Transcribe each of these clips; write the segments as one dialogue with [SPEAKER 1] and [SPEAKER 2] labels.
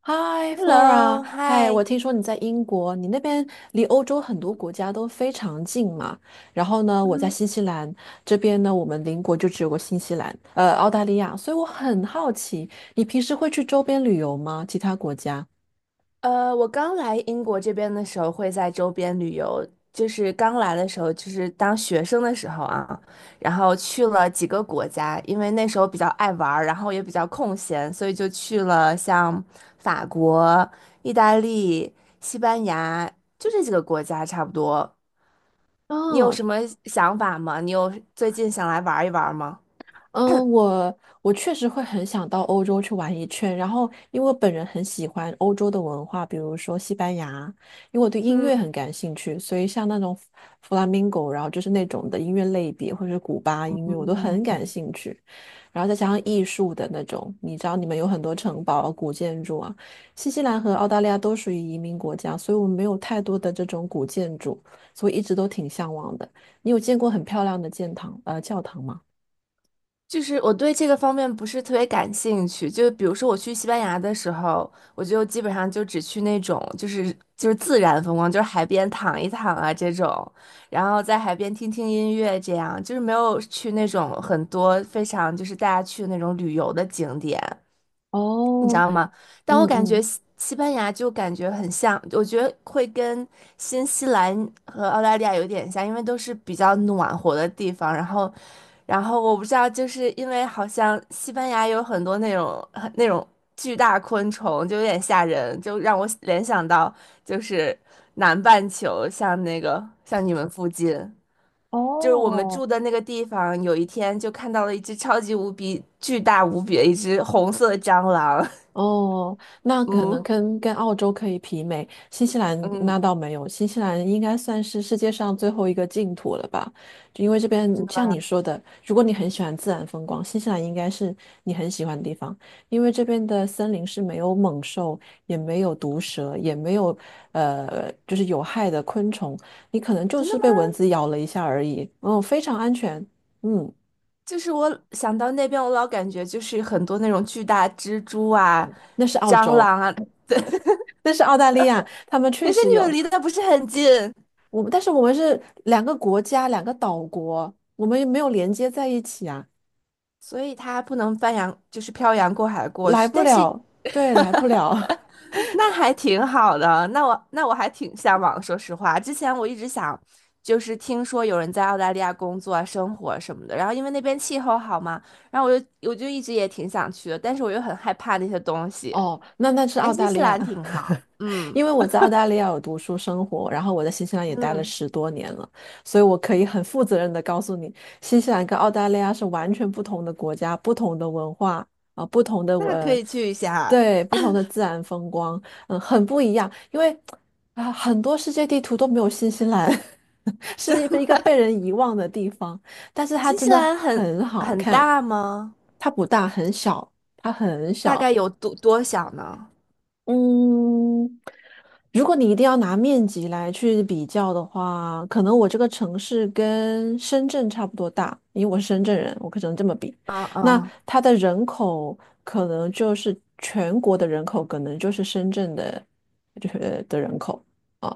[SPEAKER 1] 嗨，Flora，
[SPEAKER 2] Hello，
[SPEAKER 1] 嗨，
[SPEAKER 2] 嗨，
[SPEAKER 1] 我听说你在英国，你那边离欧洲很多国家都非常近嘛。然后呢，我在
[SPEAKER 2] 嗯，
[SPEAKER 1] 新西兰这边呢，我们邻国就只有个新西兰，澳大利亚，所以我很好奇，你平时会去周边旅游吗？其他国家？
[SPEAKER 2] 我刚来英国这边的时候会在周边旅游，就是刚来的时候，就是当学生的时候啊，然后去了几个国家，因为那时候比较爱玩儿，然后也比较空闲，所以就去了像法国、意大利、西班牙，就这几个国家差不多。你有
[SPEAKER 1] 哦。
[SPEAKER 2] 什么想法吗？你有最近想来玩一玩吗？
[SPEAKER 1] 嗯，我确实会很想到欧洲去玩一圈，然后因为我本人很喜欢欧洲的文化，比如说西班牙，因为我对音
[SPEAKER 2] 嗯。
[SPEAKER 1] 乐很感兴趣，所以像那种弗拉明戈，然后就是那种的音乐类别，或者是古巴音乐，我都很感兴趣。然后再加上艺术的那种，你知道你们有很多城堡啊古建筑啊，新西兰和澳大利亚都属于移民国家，所以我们没有太多的这种古建筑，所以一直都挺向往的。你有见过很漂亮的教堂吗？
[SPEAKER 2] 就是我对这个方面不是特别感兴趣，就比如说我去西班牙的时候，我就基本上就只去那种就是自然风光，就是海边躺一躺啊这种，然后在海边听听音乐这样，就是没有去那种很多非常就是大家去的那种旅游的景点。你知
[SPEAKER 1] 哦，
[SPEAKER 2] 道吗？但
[SPEAKER 1] 嗯
[SPEAKER 2] 我感觉
[SPEAKER 1] 嗯，
[SPEAKER 2] 西班牙就感觉很像，我觉得会跟新西兰和澳大利亚有点像，因为都是比较暖和的地方。然后我不知道，就是因为好像西班牙有很多那种很那种巨大昆虫，就有点吓人，就让我联想到就是南半球，像那个像你们附近。就是我们住
[SPEAKER 1] 哦
[SPEAKER 2] 的那个地方，有一天就看到了一只超级无比巨大无比的一只红色的蟑螂。
[SPEAKER 1] 哦，那可能
[SPEAKER 2] 嗯
[SPEAKER 1] 跟澳洲可以媲美，新西兰那
[SPEAKER 2] 嗯，
[SPEAKER 1] 倒没有，新西兰应该算是世界上最后一个净土了吧？就因为这边像你说的，如果你很喜欢自然风光，新西兰应该是你很喜欢的地方，因为这边的森林是没有猛兽，也没有毒蛇，也没有就是有害的昆虫，你可能就
[SPEAKER 2] 真的
[SPEAKER 1] 是
[SPEAKER 2] 吗？
[SPEAKER 1] 被蚊子咬了一下而已，嗯，非常安全，嗯，
[SPEAKER 2] 就是我想到那边，我老感觉就是很多那种巨大蜘蛛啊、
[SPEAKER 1] 那是澳
[SPEAKER 2] 蟑
[SPEAKER 1] 洲。
[SPEAKER 2] 螂啊，
[SPEAKER 1] 但是澳大利亚他们确
[SPEAKER 2] 可是
[SPEAKER 1] 实
[SPEAKER 2] 你们
[SPEAKER 1] 有
[SPEAKER 2] 离得不是很近，
[SPEAKER 1] 我们，但是我们是两个国家，两个岛国，我们也没有连接在一起啊，
[SPEAKER 2] 所以它不能翻洋，就是漂洋过海过
[SPEAKER 1] 来
[SPEAKER 2] 去。
[SPEAKER 1] 不
[SPEAKER 2] 但是
[SPEAKER 1] 了，对，来不了。
[SPEAKER 2] 那还挺好的，那我还挺向往。说实话，之前我一直想，就是听说有人在澳大利亚工作啊、生活什么的，然后因为那边气候好嘛，然后我就一直也挺想去的，但是我又很害怕那些东西。
[SPEAKER 1] 哦，那那是
[SPEAKER 2] 但
[SPEAKER 1] 澳
[SPEAKER 2] 新
[SPEAKER 1] 大
[SPEAKER 2] 西
[SPEAKER 1] 利亚。
[SPEAKER 2] 兰挺好，嗯
[SPEAKER 1] 因为我在澳大利亚有读书生活，然后我在新西兰也待了
[SPEAKER 2] 嗯。
[SPEAKER 1] 10多年了，所以我可以很负责任的告诉你，新西兰跟澳大利亚是完全不同的国家，不同的文化啊、不同的
[SPEAKER 2] 那可
[SPEAKER 1] 呃，
[SPEAKER 2] 以去一下。
[SPEAKER 1] 对，不同的自然风光，嗯，很不一样。因为啊、很多世界地图都没有新西兰，是一个被人遗忘的地方，但是它
[SPEAKER 2] 新
[SPEAKER 1] 真
[SPEAKER 2] 西
[SPEAKER 1] 的
[SPEAKER 2] 兰
[SPEAKER 1] 很好
[SPEAKER 2] 很
[SPEAKER 1] 看，
[SPEAKER 2] 大吗？
[SPEAKER 1] 它不大，很小，它很
[SPEAKER 2] 大
[SPEAKER 1] 小，
[SPEAKER 2] 概有多小呢？
[SPEAKER 1] 嗯，如果你一定要拿面积来去比较的话，可能我这个城市跟深圳差不多大，因为我是深圳人，我可能这么比。
[SPEAKER 2] 嗯
[SPEAKER 1] 那
[SPEAKER 2] 嗯，
[SPEAKER 1] 它的人口可能就是全国的人口，可能就是深圳的，就是的人口。啊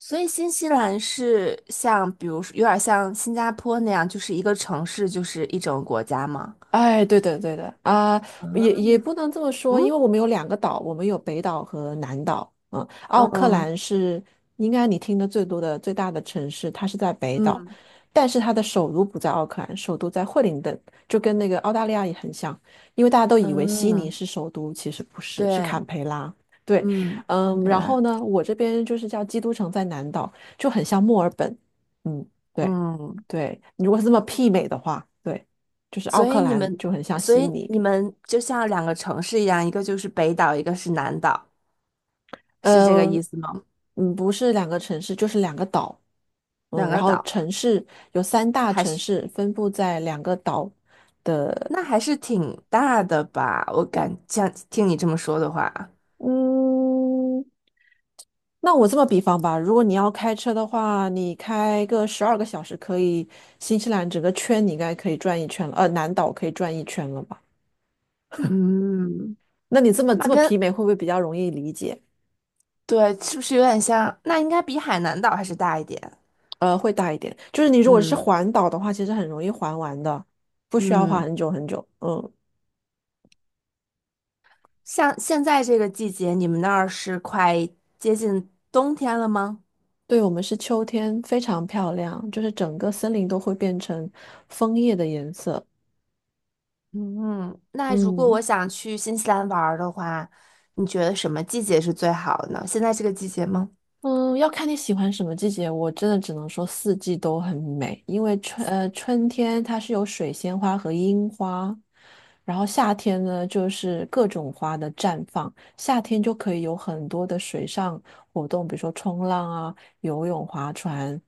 [SPEAKER 2] 所以新西兰是像，比如说有点像新加坡那样，就是一个城市就是一整个国家吗？
[SPEAKER 1] 哎，对的，对的啊，也也不能这么说，因为
[SPEAKER 2] 嗯
[SPEAKER 1] 我们有两个岛，我们有北岛和南岛。嗯，奥克
[SPEAKER 2] 嗯
[SPEAKER 1] 兰是应该你听的最多的最大的城市，它是在北岛，
[SPEAKER 2] 嗯
[SPEAKER 1] 但是它的首都不在奥克兰，首都在惠灵顿，就跟那个澳大利亚也很像，因为大家都以为悉尼
[SPEAKER 2] 嗯，
[SPEAKER 1] 是首都，其实不是，是
[SPEAKER 2] 对，
[SPEAKER 1] 坎培拉。对，
[SPEAKER 2] 嗯，堪
[SPEAKER 1] 嗯，
[SPEAKER 2] 培
[SPEAKER 1] 然
[SPEAKER 2] 拉，
[SPEAKER 1] 后呢，我这边就是叫基督城在南岛，就很像墨尔本。嗯。对。
[SPEAKER 2] 嗯，
[SPEAKER 1] 对，你如果是这么媲美的话，对，就是奥
[SPEAKER 2] 所
[SPEAKER 1] 克
[SPEAKER 2] 以你
[SPEAKER 1] 兰
[SPEAKER 2] 们，
[SPEAKER 1] 就很像
[SPEAKER 2] 所
[SPEAKER 1] 悉
[SPEAKER 2] 以
[SPEAKER 1] 尼，
[SPEAKER 2] 你们就像两个城市一样，一个就是北岛，一个是南岛，是这个
[SPEAKER 1] 呃，
[SPEAKER 2] 意思吗？
[SPEAKER 1] 嗯，不是两个城市，就是两个岛，嗯，
[SPEAKER 2] 两
[SPEAKER 1] 然
[SPEAKER 2] 个
[SPEAKER 1] 后
[SPEAKER 2] 岛。
[SPEAKER 1] 城市有三大
[SPEAKER 2] 还
[SPEAKER 1] 城
[SPEAKER 2] 是？
[SPEAKER 1] 市分布在两个岛，
[SPEAKER 2] 那还是挺大的吧？我感像听你这么说的话，
[SPEAKER 1] 嗯，那我这么比方吧，如果你要开车的话，你开个12个小时，可以新西兰整个圈你应该可以转一圈了，南岛可以转一圈了吧？
[SPEAKER 2] 嗯，
[SPEAKER 1] 那你这么这
[SPEAKER 2] 那
[SPEAKER 1] 么
[SPEAKER 2] 跟
[SPEAKER 1] 媲美，会不会比较容易理解？
[SPEAKER 2] 对是不是有点像？那应该比海南岛还是大一点。
[SPEAKER 1] 会大一点。就是你如果是
[SPEAKER 2] 嗯
[SPEAKER 1] 环岛的话，其实很容易环完的，不需要花
[SPEAKER 2] 嗯，
[SPEAKER 1] 很久很久。嗯，
[SPEAKER 2] 像现在这个季节，你们那儿是快接近冬天了吗？
[SPEAKER 1] 对，我们是秋天，非常漂亮，就是整个森林都会变成枫叶的颜色。
[SPEAKER 2] 嗯，那如果我
[SPEAKER 1] 嗯。
[SPEAKER 2] 想去新西兰玩儿的话，你觉得什么季节是最好的呢？现在这个季节吗？
[SPEAKER 1] 嗯，要看你喜欢什么季节。我真的只能说四季都很美，因为春天它是有水仙花和樱花，然后夏天呢就是各种花的绽放。夏天就可以有很多的水上活动，比如说冲浪啊、游泳、划船，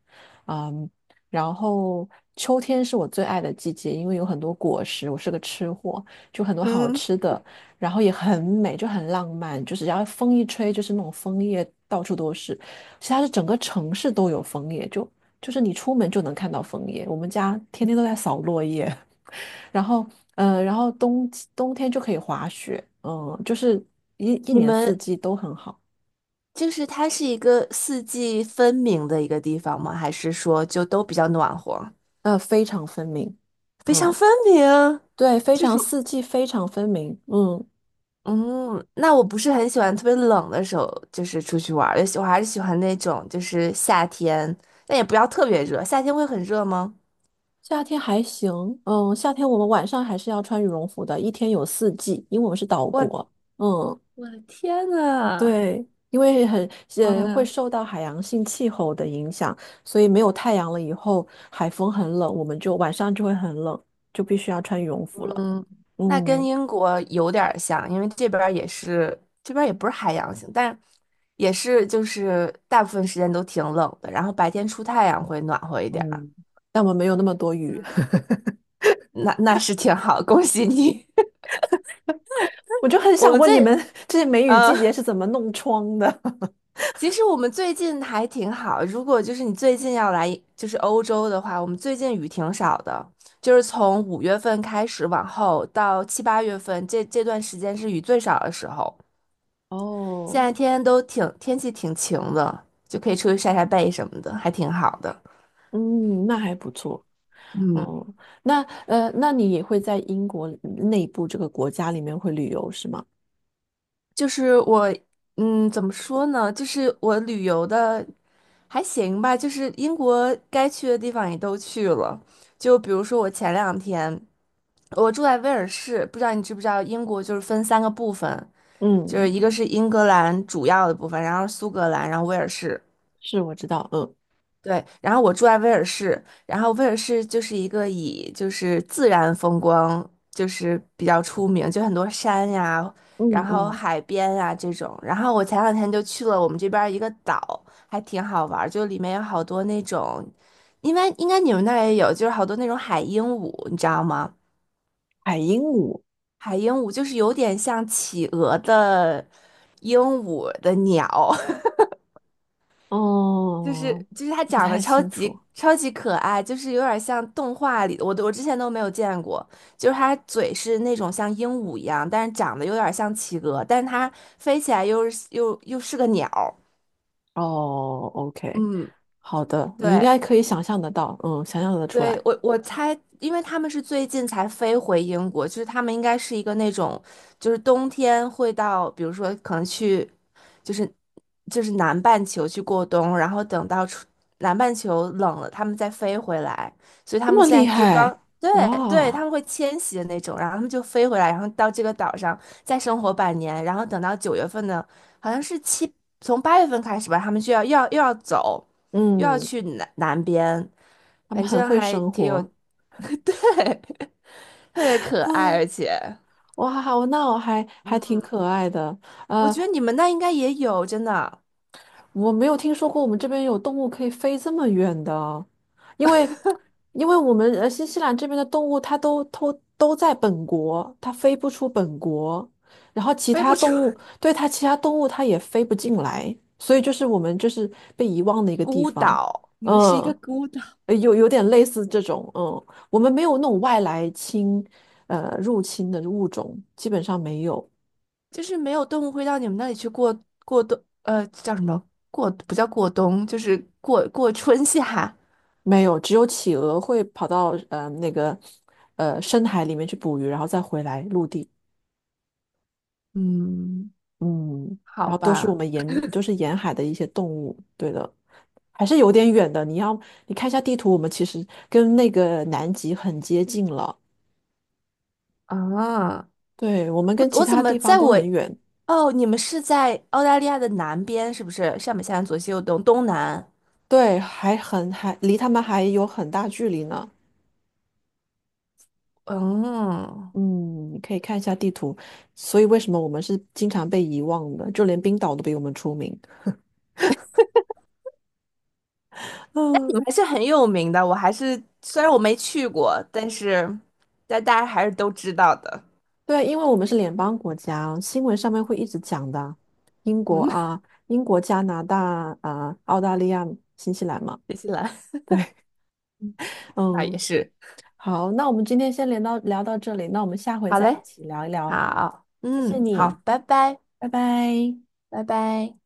[SPEAKER 1] 嗯，然后秋天是我最爱的季节，因为有很多果实，我是个吃货，就很多好
[SPEAKER 2] 嗯，
[SPEAKER 1] 吃的。然后也很美，就很浪漫，就是然后风一吹，就是那种枫叶到处都是。其实它是整个城市都有枫叶，就是你出门就能看到枫叶。我们家天天都在扫落叶，然后嗯，然后冬天就可以滑雪，嗯，就是一一
[SPEAKER 2] 你
[SPEAKER 1] 年四
[SPEAKER 2] 们
[SPEAKER 1] 季都很好，
[SPEAKER 2] 就是它是一个四季分明的一个地方吗？还是说就都比较暖和？
[SPEAKER 1] 非常分明，
[SPEAKER 2] 非常
[SPEAKER 1] 嗯，
[SPEAKER 2] 分明，
[SPEAKER 1] 对，非
[SPEAKER 2] 就
[SPEAKER 1] 常
[SPEAKER 2] 是
[SPEAKER 1] 四季非常分明，嗯。
[SPEAKER 2] 嗯，那我不是很喜欢特别冷的时候，就是出去玩儿，我还是喜欢那种就是夏天，但也不要特别热。夏天会很热吗？
[SPEAKER 1] 夏天还行，嗯，夏天我们晚上还是要穿羽绒服的，一天有四季，因为我们是岛国，
[SPEAKER 2] 我
[SPEAKER 1] 嗯。
[SPEAKER 2] 我的天呐！
[SPEAKER 1] 对，因为很
[SPEAKER 2] 哎
[SPEAKER 1] 会
[SPEAKER 2] 呀
[SPEAKER 1] 受到海洋性气候的影响，所以没有太阳了以后，海风很冷，我们就晚上就会很冷，就必须要穿羽绒服了。
[SPEAKER 2] 嗯，那跟
[SPEAKER 1] 嗯，
[SPEAKER 2] 英国有点儿像，因为这边儿也是，这边儿也不是海洋性，但也是就是大部分时间都挺冷的，然后白天出太阳会暖和一点儿，
[SPEAKER 1] 嗯，但我们没有那么多雨，
[SPEAKER 2] 那那是挺好，恭喜你。
[SPEAKER 1] 我就 很
[SPEAKER 2] 我
[SPEAKER 1] 想
[SPEAKER 2] 们
[SPEAKER 1] 问
[SPEAKER 2] 最
[SPEAKER 1] 你们这些梅雨
[SPEAKER 2] 呃，
[SPEAKER 1] 季节是怎么弄窗的？
[SPEAKER 2] 其实我们最近还挺好，如果就是你最近要来就是欧洲的话，我们最近雨挺少的，就是从五月份开始往后到七八月份这段时间是雨最少的时候。现
[SPEAKER 1] 哦，
[SPEAKER 2] 在天天都挺天气挺晴的，就可以出去晒晒背什么的，还挺好的。
[SPEAKER 1] 嗯，那还不错。
[SPEAKER 2] 嗯，
[SPEAKER 1] 哦，那那你也会在英国内部这个国家里面会旅游是吗？
[SPEAKER 2] 就是我，嗯，怎么说呢？就是我旅游的还行吧，就是英国该去的地方也都去了。就比如说我前两天，我住在威尔士，不知道你知不知道，英国就是分三个部分，就是
[SPEAKER 1] 嗯，
[SPEAKER 2] 一个是英格兰主要的部分，然后苏格兰，然后威尔士。
[SPEAKER 1] 是我知道，嗯
[SPEAKER 2] 对，然后我住在威尔士，然后威尔士就是一个以就是自然风光就是比较出名，就很多山呀，
[SPEAKER 1] 嗯
[SPEAKER 2] 然后
[SPEAKER 1] 嗯，
[SPEAKER 2] 海边呀这种。然后我前两天就去了我们这边儿一个岛，还挺好玩儿就里面有好多那种，应该你们那儿也有，就是好多那种海鹦鹉，你知道吗？
[SPEAKER 1] 海鹦鹉。
[SPEAKER 2] 海鹦鹉就是有点像企鹅的鹦鹉的鸟，就是
[SPEAKER 1] 哦，
[SPEAKER 2] 就是他
[SPEAKER 1] 不
[SPEAKER 2] 长得
[SPEAKER 1] 太
[SPEAKER 2] 超
[SPEAKER 1] 清楚。
[SPEAKER 2] 级超级可爱，就是有点像动画里的，我之前都没有见过。就是他嘴是那种像鹦鹉一样，但是长得有点像企鹅，但是它飞起来又是个鸟儿
[SPEAKER 1] 哦，OK，
[SPEAKER 2] 嗯，
[SPEAKER 1] 好的，你应
[SPEAKER 2] 对，
[SPEAKER 1] 该可以想象得到，嗯，想象得出
[SPEAKER 2] 对，
[SPEAKER 1] 来，
[SPEAKER 2] 我我猜，因为他们是最近才飞回英国，就是他们应该是一个那种，就是冬天会到，比如说可能去，就是南半球去过冬，然后等到春南半球冷了，他们再飞回来，所以他
[SPEAKER 1] 这
[SPEAKER 2] 们
[SPEAKER 1] 么
[SPEAKER 2] 现
[SPEAKER 1] 厉
[SPEAKER 2] 在就
[SPEAKER 1] 害，
[SPEAKER 2] 刚，对对，他
[SPEAKER 1] 哇，
[SPEAKER 2] 们会迁徙的那种，然后他们就飞回来，然后到这个岛上再生活半年，然后等到九月份呢，好像是七，从八月份开始吧，他们就要走，又要
[SPEAKER 1] 嗯，
[SPEAKER 2] 去南边。
[SPEAKER 1] 他们
[SPEAKER 2] 反
[SPEAKER 1] 很
[SPEAKER 2] 正
[SPEAKER 1] 会
[SPEAKER 2] 还
[SPEAKER 1] 生
[SPEAKER 2] 挺
[SPEAKER 1] 活
[SPEAKER 2] 有，特别
[SPEAKER 1] 啊，
[SPEAKER 2] 可爱，而且
[SPEAKER 1] 哇，我那我还还挺可爱的，
[SPEAKER 2] 我
[SPEAKER 1] 呃，
[SPEAKER 2] 觉得你们那应该也有，真的
[SPEAKER 1] 我没有听说过我们这边有动物可以飞这么远的，因为因为我们新西兰这边的动物它都在本国，它飞不出本国，然后其
[SPEAKER 2] 背
[SPEAKER 1] 他
[SPEAKER 2] 不出
[SPEAKER 1] 动物 对它其他动物它也飞不进来，所以就是我们就是被遗忘的一个地
[SPEAKER 2] 孤
[SPEAKER 1] 方，
[SPEAKER 2] 岛，你们是一个
[SPEAKER 1] 嗯，
[SPEAKER 2] 孤岛，
[SPEAKER 1] 有有点类似这种，嗯，我们没有那种外来入侵的物种，基本上没有。
[SPEAKER 2] 就是没有动物会到你们那里去过过冬，叫什么过不叫过冬，就是过春夏，
[SPEAKER 1] 没有，只有企鹅会跑到那个深海里面去捕鱼，然后再回来陆地。
[SPEAKER 2] 嗯，
[SPEAKER 1] 嗯，
[SPEAKER 2] 好
[SPEAKER 1] 然后都是我
[SPEAKER 2] 吧，
[SPEAKER 1] 们沿就是沿海的一些动物。对的，还是有点远的。你要你看一下地图，我们其实跟那个南极很接近了。
[SPEAKER 2] 啊，
[SPEAKER 1] 对，我们
[SPEAKER 2] 我
[SPEAKER 1] 跟其
[SPEAKER 2] 我怎
[SPEAKER 1] 他
[SPEAKER 2] 么
[SPEAKER 1] 地方
[SPEAKER 2] 在
[SPEAKER 1] 都
[SPEAKER 2] 我
[SPEAKER 1] 很远，
[SPEAKER 2] 哦，你们是在澳大利亚的南边是不是？上北下南左西右东东南，
[SPEAKER 1] 对，还很还离他们还有很大距离呢。
[SPEAKER 2] 嗯。
[SPEAKER 1] 嗯，你可以看一下地图。所以为什么我们是经常被遗忘的？就连冰岛都比我们出名。嗯。
[SPEAKER 2] 们还是很有名的，我还是虽然我没去过，但是但大家还是都知道的。
[SPEAKER 1] 对啊，因为我们是联邦国家，新闻上面会一直讲的，英国
[SPEAKER 2] 嗯，
[SPEAKER 1] 啊，英国、加拿大啊，澳大利亚、新西兰嘛。
[SPEAKER 2] 新西兰
[SPEAKER 1] 对，
[SPEAKER 2] 那也
[SPEAKER 1] 嗯，
[SPEAKER 2] 是。
[SPEAKER 1] 好，那我们今天先聊到聊到这里，那我们下回
[SPEAKER 2] 好
[SPEAKER 1] 再一
[SPEAKER 2] 嘞，
[SPEAKER 1] 起聊一聊。
[SPEAKER 2] 好，
[SPEAKER 1] 谢谢
[SPEAKER 2] 嗯，好，
[SPEAKER 1] 你，
[SPEAKER 2] 拜拜，
[SPEAKER 1] 拜拜。
[SPEAKER 2] 拜拜。